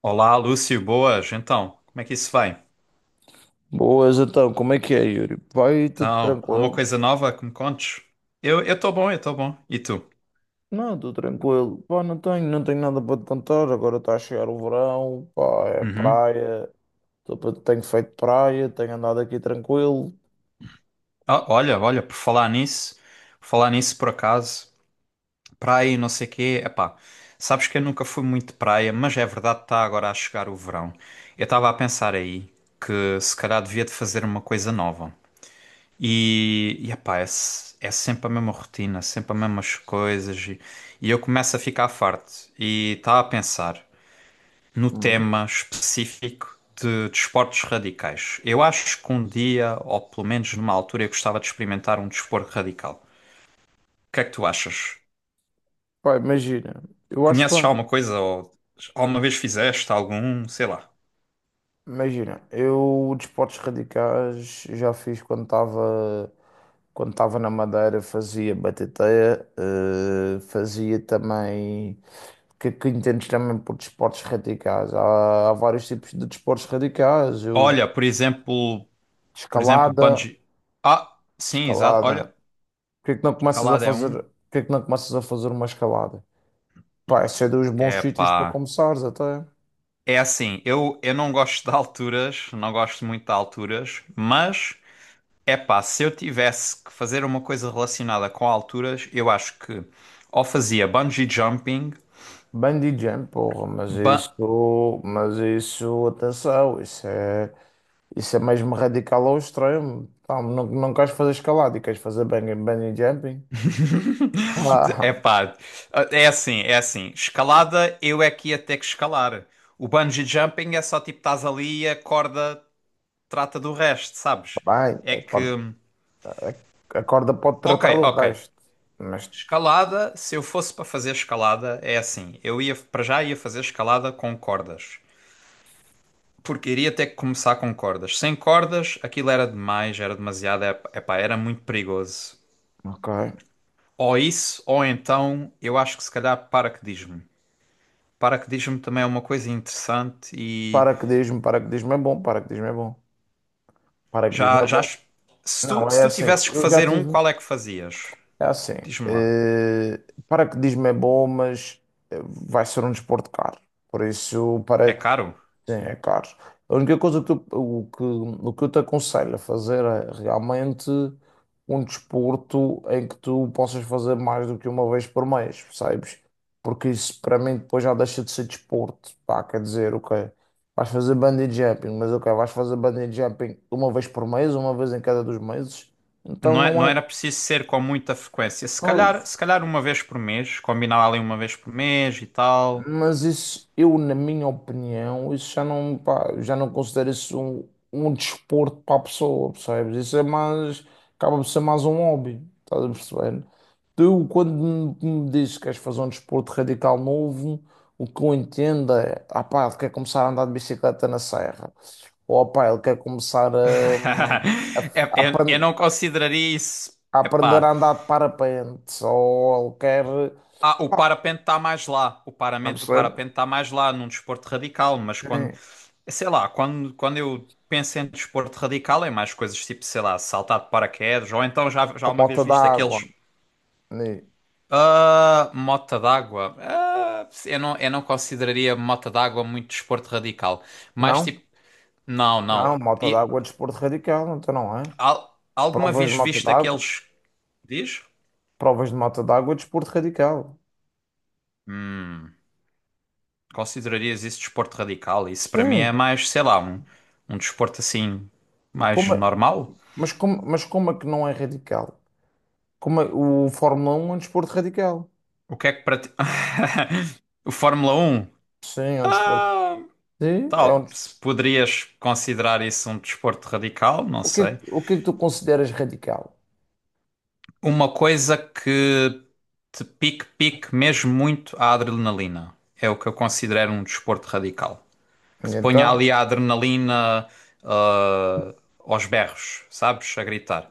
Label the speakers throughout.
Speaker 1: Olá, Lúcio, boas. Então, como é que isso vai?
Speaker 2: Boas, então, como é que é, Yuri? Vai tudo
Speaker 1: Então, alguma
Speaker 2: tranquilo?
Speaker 1: coisa nova que me contes? Eu estou bom, eu estou bom. E tu?
Speaker 2: Não, tudo tranquilo. Pá, não tenho nada para te contar. Agora está a chegar o verão, pá, é
Speaker 1: Uhum.
Speaker 2: praia. Tenho feito praia, tenho andado aqui tranquilo.
Speaker 1: Ah, olha, olha, Por falar nisso por acaso, praia e não sei quê, epá, sabes que eu nunca fui muito de praia, mas é verdade que está agora a chegar o verão. Eu estava a pensar aí que se calhar devia de fazer uma coisa nova. E epá, é sempre a mesma rotina, sempre as mesmas coisas, e eu começo a ficar farto e estava a pensar no
Speaker 2: Uhum.
Speaker 1: tema específico de desportos radicais. Eu acho que um dia, ou pelo menos numa altura, eu gostava de experimentar um desporto radical. O que é que tu achas?
Speaker 2: Pá, imagina, eu acho
Speaker 1: Conheces
Speaker 2: bem.
Speaker 1: alguma coisa ou alguma vez fizeste algum, sei lá.
Speaker 2: Imagina, eu desportos radicais já fiz quando estava na Madeira, fazia batateia, fazia também. Que entendes também por desportos radicais. Há vários tipos de desportos radicais. Eu já...
Speaker 1: Olha, por exemplo,
Speaker 2: Escalada,
Speaker 1: bungee. Ah, sim, exato.
Speaker 2: escalada.
Speaker 1: Olha,
Speaker 2: Porquê que não começas a
Speaker 1: escalada é
Speaker 2: fazer,
Speaker 1: um.
Speaker 2: porquê que não começas a fazer uma escalada? Pá, esse é dos bons
Speaker 1: É
Speaker 2: sítios para
Speaker 1: pá.
Speaker 2: começares até.
Speaker 1: É assim, eu não gosto de alturas, não gosto muito de alturas, mas epá, se eu tivesse que fazer uma coisa relacionada com alturas, eu acho que ou fazia bungee jumping,
Speaker 2: Bungee jump, porra, mas
Speaker 1: ba...
Speaker 2: isso, atenção, isso é mesmo radical ao extremo. Pá, não, não queres fazer escalada e queres fazer bungee jumping? Ah,
Speaker 1: epá, é assim, é assim. Escalada, eu é que ia ter que escalar. O bungee jumping é só tipo estás ali e a corda trata do resto, sabes?
Speaker 2: bem,
Speaker 1: É
Speaker 2: a corda,
Speaker 1: que.
Speaker 2: a corda pode
Speaker 1: Ok,
Speaker 2: tratar do
Speaker 1: ok.
Speaker 2: resto, mas
Speaker 1: Escalada, se eu fosse para fazer escalada, é assim. Eu ia para já ia fazer escalada com cordas. Porque iria ter que começar com cordas. Sem cordas, aquilo era demais, era demasiado, epá, era muito perigoso.
Speaker 2: ok.
Speaker 1: Ou isso, ou então, eu acho que se calhar paraquedismo. Paraquedismo também é uma coisa interessante e
Speaker 2: Paraquedismo, paraquedismo é bom, paraquedismo é bom. Paraquedismo é
Speaker 1: já, já
Speaker 2: bom.
Speaker 1: acho- se tu,
Speaker 2: Não,
Speaker 1: se
Speaker 2: é
Speaker 1: tu
Speaker 2: assim.
Speaker 1: tivesses que
Speaker 2: Eu já
Speaker 1: fazer um,
Speaker 2: tive.
Speaker 1: qual é que fazias?
Speaker 2: É assim.
Speaker 1: Diz-me lá.
Speaker 2: eh, paraquedismo é bom, mas vai ser um desporto caro. Por isso,
Speaker 1: É
Speaker 2: para,
Speaker 1: caro?
Speaker 2: sim, é caro. A única coisa que eu, o que eu te aconselho a fazer é realmente um desporto em que tu possas fazer mais do que uma vez por mês, percebes? Porque isso para mim depois já deixa de ser desporto, pá, quer dizer, ok, vais fazer bungee jumping, mas ok, vais fazer bungee jumping uma vez por mês, uma vez em cada dois meses, então
Speaker 1: Não
Speaker 2: não é,
Speaker 1: era preciso ser com muita frequência. Se calhar,
Speaker 2: pois,
Speaker 1: se calhar uma vez por mês, combinar ali uma vez por mês e tal.
Speaker 2: mas isso, eu, na minha opinião, isso já não, pá, já não considero isso um desporto para a pessoa, percebes? Isso é mais, acaba por ser mais um hobby, estás a perceber? Tu, quando me dizes que queres fazer um desporto radical novo, o que eu entendo é, ah pá, ele quer começar a andar de bicicleta na serra, ou ah pá, ele quer começar a, a, a
Speaker 1: Eu
Speaker 2: apren-
Speaker 1: não consideraria isso.
Speaker 2: a aprender
Speaker 1: Epá,
Speaker 2: a andar de parapente, ou ele quer,
Speaker 1: ah, o
Speaker 2: pá, estás
Speaker 1: parapente está mais lá. O
Speaker 2: a
Speaker 1: parapente, o
Speaker 2: perceber?
Speaker 1: parapente está mais lá num desporto radical, mas quando,
Speaker 2: Sim.
Speaker 1: sei lá, quando eu penso em desporto radical é mais coisas tipo, sei lá, saltar de paraquedas, ou então já
Speaker 2: Com
Speaker 1: uma vez
Speaker 2: moto
Speaker 1: visto
Speaker 2: d'água.
Speaker 1: aqueles.
Speaker 2: Ni-
Speaker 1: Ah, mota d'água. Ah, eu não consideraria mota d'água muito desporto radical. Mais
Speaker 2: Não,
Speaker 1: tipo, não,
Speaker 2: não,
Speaker 1: não.
Speaker 2: moto
Speaker 1: E,
Speaker 2: d'água é desporto radical, então não é?
Speaker 1: al- alguma
Speaker 2: Provas de
Speaker 1: vez
Speaker 2: moto
Speaker 1: visto
Speaker 2: d'água,
Speaker 1: aqueles. Diz?
Speaker 2: provas de moto d'água é desporto radical.
Speaker 1: Hum. Considerarias isso desporto radical? Isso para mim é
Speaker 2: Sim,
Speaker 1: mais, sei lá, um desporto assim, mais
Speaker 2: como é-
Speaker 1: normal?
Speaker 2: mas, mas como é que não é radical? O Fórmula um é um desporto radical.
Speaker 1: O que é que para ti. O Fórmula Um
Speaker 2: Sim, é um desporto. Sim,
Speaker 1: tal, se poderias considerar isso um desporto radical, não
Speaker 2: o que,
Speaker 1: sei.
Speaker 2: o que é que tu consideras radical?
Speaker 1: Uma coisa que te pique, pique mesmo muito a adrenalina. É o que eu considero um desporto radical, que te ponha
Speaker 2: Então,
Speaker 1: ali a adrenalina, aos berros, sabes? A gritar.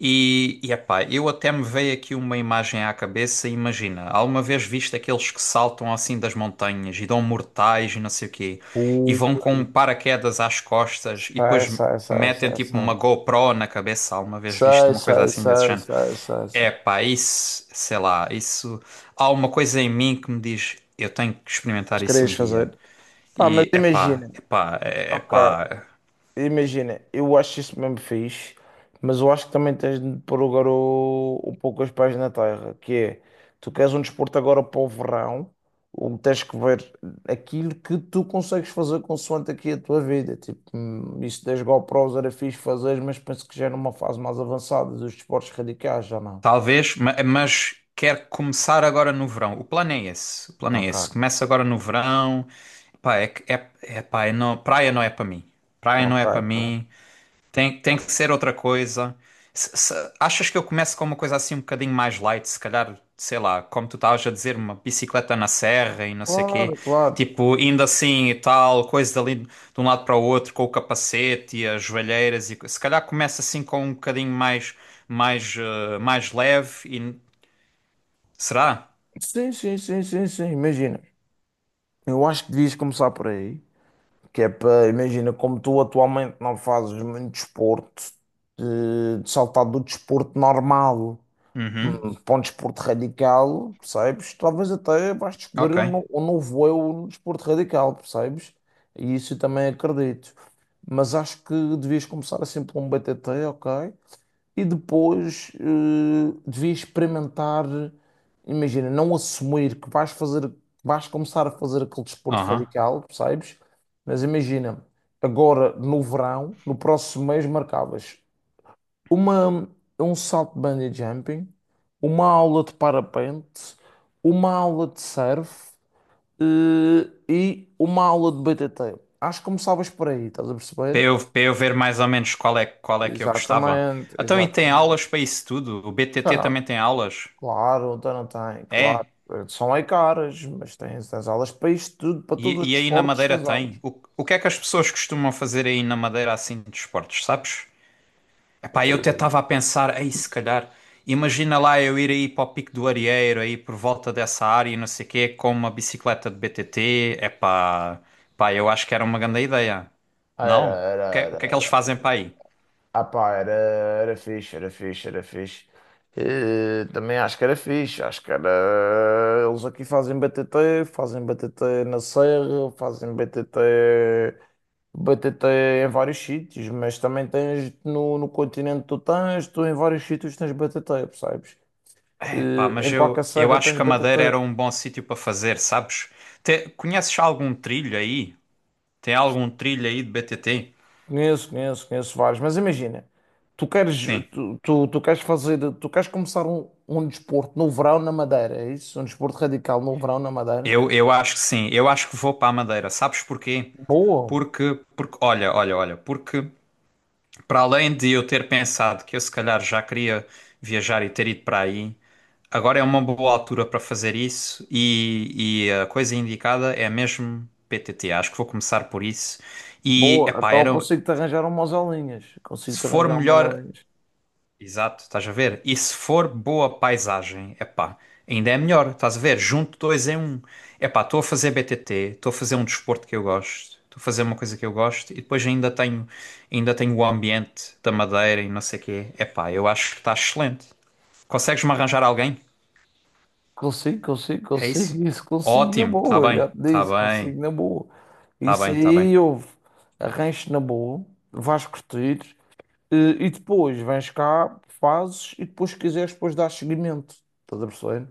Speaker 1: E epá, eu até me veio aqui uma imagem à cabeça. Imagina, alguma vez viste aqueles que saltam assim das montanhas e dão mortais e não sei o quê, e
Speaker 2: o,
Speaker 1: vão com um paraquedas às costas e
Speaker 2: sai
Speaker 1: depois
Speaker 2: sai sai
Speaker 1: metem
Speaker 2: sai
Speaker 1: tipo
Speaker 2: sai.
Speaker 1: uma GoPro na cabeça? Alguma vez viste
Speaker 2: Sei,
Speaker 1: uma coisa
Speaker 2: sei,
Speaker 1: assim desse
Speaker 2: sei,
Speaker 1: género?
Speaker 2: sei, sei, sei.
Speaker 1: Epá, isso, sei lá, isso. Há uma coisa em mim que me diz: eu tenho que
Speaker 2: Mas
Speaker 1: experimentar isso
Speaker 2: querias
Speaker 1: um dia.
Speaker 2: fazer. Pá, mas
Speaker 1: E epá,
Speaker 2: imagina,
Speaker 1: epá,
Speaker 2: ok.
Speaker 1: epá.
Speaker 2: Imagina, eu acho isso mesmo fixe, mas eu acho que também tens de pôr o garo um pouco os pés na terra, que é, tu queres um desporto agora para o verão, ou tens que ver aquilo que tu consegues fazer consoante aqui a tua vida, tipo, isso das GoPros era fixe fazer, mas penso que já é numa fase mais avançada dos desportos radicais, já não?
Speaker 1: Talvez, mas quer começar agora no verão. O plano é esse. O plano é esse.
Speaker 2: Ok,
Speaker 1: Começa agora no verão. Epá, não, praia não é para mim. Praia não
Speaker 2: ok,
Speaker 1: é para
Speaker 2: ok.
Speaker 1: mim. Tem que ser outra coisa. Achas que eu começo com uma coisa assim um bocadinho mais light? Se calhar, sei lá, como tu estavas a dizer, uma bicicleta na serra e não sei quê.
Speaker 2: Claro, claro.
Speaker 1: Tipo, indo assim e tal, coisas ali de um lado para o outro, com o capacete e as joelheiras. Se calhar começa assim com um bocadinho mais leve. Será?
Speaker 2: Sim, sim, sim, sim, sim, imagina. Eu acho que devias começar por aí. Que é para, imagina, como tu atualmente não fazes muito desporto, de saltar do desporto normal,
Speaker 1: Uhum.
Speaker 2: para um desporto radical, percebes? Talvez até vais descobrir
Speaker 1: Ok.
Speaker 2: um novo eu no desporto radical, percebes? E isso eu também acredito. Mas acho que devias começar assim por um BTT, ok? E depois devias experimentar, imagina, não assumir que vais fazer, que vais começar a fazer aquele desporto
Speaker 1: Aham.
Speaker 2: radical, percebes? Mas imagina, agora no verão, no próximo mês marcavas uma, um salto de bungee jumping, uma aula de parapente, uma aula de surf, e uma aula de BTT. Acho que começavas por aí, estás a
Speaker 1: Para
Speaker 2: perceber?
Speaker 1: eu, para eu ver mais ou menos qual é que eu gostava.
Speaker 2: Exatamente,
Speaker 1: Então, e tem aulas
Speaker 2: exatamente.
Speaker 1: para isso tudo? O BTT também tem aulas?
Speaker 2: Claro, então não tem, claro.
Speaker 1: É.
Speaker 2: São aí caras, mas tens as aulas para isto tudo, para todos os
Speaker 1: E aí na
Speaker 2: desportos,
Speaker 1: Madeira
Speaker 2: tens aulas.
Speaker 1: tem. O que é que as pessoas costumam fazer aí na Madeira assim de esportes, sabes? Epá, eu até estava a pensar, ei, se calhar, imagina lá eu ir aí para o Pico do Arieiro, aí por volta dessa área e não sei o quê, com uma bicicleta de BTT. Epá, pá, eu acho que era uma grande ideia.
Speaker 2: Era,
Speaker 1: Não? O que,
Speaker 2: era,
Speaker 1: é- o que é
Speaker 2: era,
Speaker 1: que eles
Speaker 2: era,
Speaker 1: fazem
Speaker 2: era.
Speaker 1: para aí?
Speaker 2: Ah pá, era fixe, era fixe, era fixe. Também acho que era fixe, acho que era. Eles aqui fazem BTT, fazem BTT na Serra, fazem BTT, BTT em vários sítios, mas também tens no continente, tu tens, tu em vários sítios tens BTT, percebes?
Speaker 1: É, pá, mas
Speaker 2: Em qualquer
Speaker 1: eu
Speaker 2: serra
Speaker 1: acho
Speaker 2: tens
Speaker 1: que a Madeira
Speaker 2: BTT.
Speaker 1: era um bom sítio para fazer, sabes? Conheces algum trilho aí? Tem algum trilho aí de BTT?
Speaker 2: Conheço, conheço, conheço vários, mas imagina, tu queres,
Speaker 1: Sim.
Speaker 2: tu queres fazer, tu queres começar um desporto no verão na Madeira, é isso? Um desporto radical no verão na Madeira?
Speaker 1: Eu acho que sim, eu acho que vou para a Madeira. Sabes porquê?
Speaker 2: Boa,
Speaker 1: Porque, olha, porque para além de eu ter pensado que eu se calhar já queria viajar e ter ido para aí, agora é uma boa altura para fazer isso e a coisa indicada é mesmo PTT. Acho que vou começar por isso. E,
Speaker 2: boa,
Speaker 1: epá,
Speaker 2: então eu
Speaker 1: era,
Speaker 2: consigo-te arranjar umas aulinhas,
Speaker 1: se
Speaker 2: consigo-te
Speaker 1: for
Speaker 2: arranjar umas
Speaker 1: melhor.
Speaker 2: aulinhas.
Speaker 1: Exato, estás a ver? E se for boa paisagem, epá, ainda é melhor, estás a ver? Junto dois em um. Epá, estou a fazer BTT, estou a fazer um desporto que eu gosto, estou a fazer uma coisa que eu gosto e depois ainda tenho o ambiente da Madeira e não sei o quê. Epá, eu acho que está excelente. Consegues-me arranjar alguém?
Speaker 2: Consigo, consigo,
Speaker 1: É isso?
Speaker 2: consigo, isso consigo na
Speaker 1: Ótimo, está
Speaker 2: boa,
Speaker 1: bem,
Speaker 2: já te
Speaker 1: está
Speaker 2: disse,
Speaker 1: bem,
Speaker 2: consigo na boa.
Speaker 1: está
Speaker 2: Isso
Speaker 1: bem, está bem.
Speaker 2: aí, houve, arranjo na boa, vais curtir, eh, e depois vens cá, fazes, e depois se quiseres, depois dás seguimento, estás a perceber?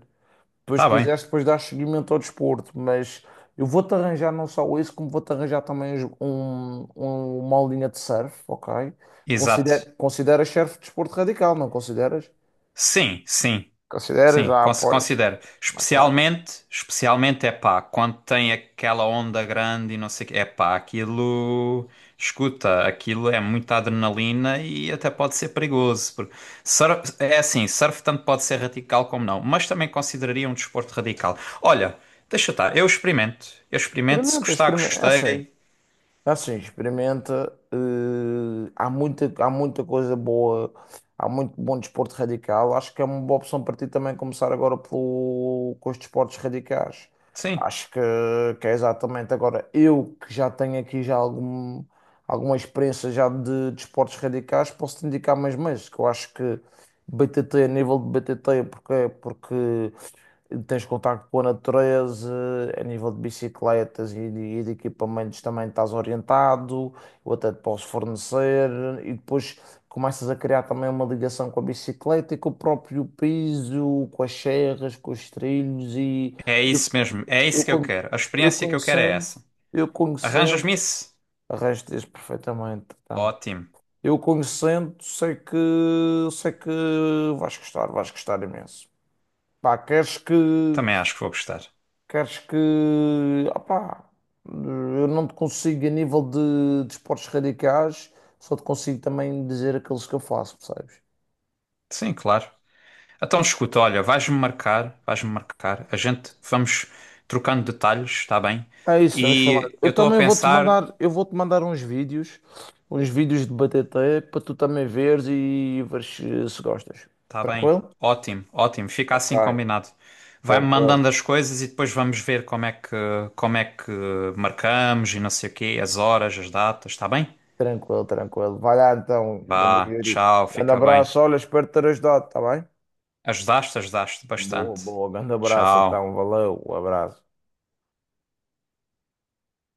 Speaker 2: Depois
Speaker 1: Está bem,
Speaker 2: quiseres, depois dar seguimento ao desporto, mas eu vou-te arranjar não só isso, como vou-te arranjar também uma aulinha de surf, ok?
Speaker 1: exato.
Speaker 2: Considera, consideras surf desporto radical, não consideras?
Speaker 1: Sim, sim.
Speaker 2: Consideras?
Speaker 1: Sim,
Speaker 2: Ah, pois.
Speaker 1: considero.
Speaker 2: Ok.
Speaker 1: Especialmente é pá, quando tem aquela onda grande e não sei o quê. É pá, aquilo, escuta, aquilo é muita adrenalina e até pode ser perigoso, porque é assim, surf tanto pode ser radical como não, mas também consideraria um desporto radical. Olha, deixa estar, eu experimento. Eu experimento, se
Speaker 2: Experimenta,
Speaker 1: gostar,
Speaker 2: experimenta. É assim.
Speaker 1: gostei.
Speaker 2: Assim, experimenta. Há muita, coisa boa, há muito bom desporto radical. Acho que é uma boa opção para ti também começar agora pelo, com os desportos radicais.
Speaker 1: Sim,
Speaker 2: Acho que é exatamente agora. Eu que já tenho aqui já algum, alguma experiência já de desportos radicais, posso te indicar mais que eu acho que BTT, a nível de BTT, porque tens contacto com a natureza, a nível de bicicletas e de equipamentos também estás orientado, eu até te posso fornecer, e depois começas a criar também uma ligação com a bicicleta e com o próprio piso, com as serras, com os trilhos, e
Speaker 1: é
Speaker 2: eu,
Speaker 1: isso mesmo, é
Speaker 2: eu,
Speaker 1: isso que eu
Speaker 2: con-
Speaker 1: quero. A
Speaker 2: eu
Speaker 1: experiência que eu quero é
Speaker 2: conhecendo,
Speaker 1: essa.
Speaker 2: eu conhecendo,
Speaker 1: Arranjas-me isso?
Speaker 2: arranjas perfeitamente, então.
Speaker 1: Ótimo,
Speaker 2: Eu conhecendo, sei que vais gostar imenso. Pá, queres que.
Speaker 1: também acho que vou gostar.
Speaker 2: Queres que. Opá, eu não te consigo, a nível de esportes radicais, só te consigo também dizer aqueles que eu faço, percebes?
Speaker 1: Sim, claro. Então, escuta, olha, vais-me marcar, a gente vamos trocando detalhes, está bem?
Speaker 2: É isso, vamos falar.
Speaker 1: E eu
Speaker 2: Eu
Speaker 1: estou a
Speaker 2: também vou-te
Speaker 1: pensar,
Speaker 2: mandar, eu vou-te mandar uns vídeos de BTT para tu também veres e veres se gostas.
Speaker 1: está bem,
Speaker 2: Tranquilo?
Speaker 1: ótimo, ótimo, fica
Speaker 2: Ok,
Speaker 1: assim combinado. Vai-me
Speaker 2: tranquilo,
Speaker 1: mandando as coisas e depois vamos ver como é que, marcamos e não sei o quê, as horas, as datas, está bem?
Speaker 2: tranquilo, tranquilo. Vai lá então, grande
Speaker 1: Vá,
Speaker 2: Yuri.
Speaker 1: tchau,
Speaker 2: Grande
Speaker 1: fica bem.
Speaker 2: abraço, olha, espero ter ajudado, tá bem?
Speaker 1: Ajudaste, ajudaste
Speaker 2: Boa,
Speaker 1: bastante.
Speaker 2: boa, grande abraço
Speaker 1: Tchau.
Speaker 2: então, valeu, um abraço.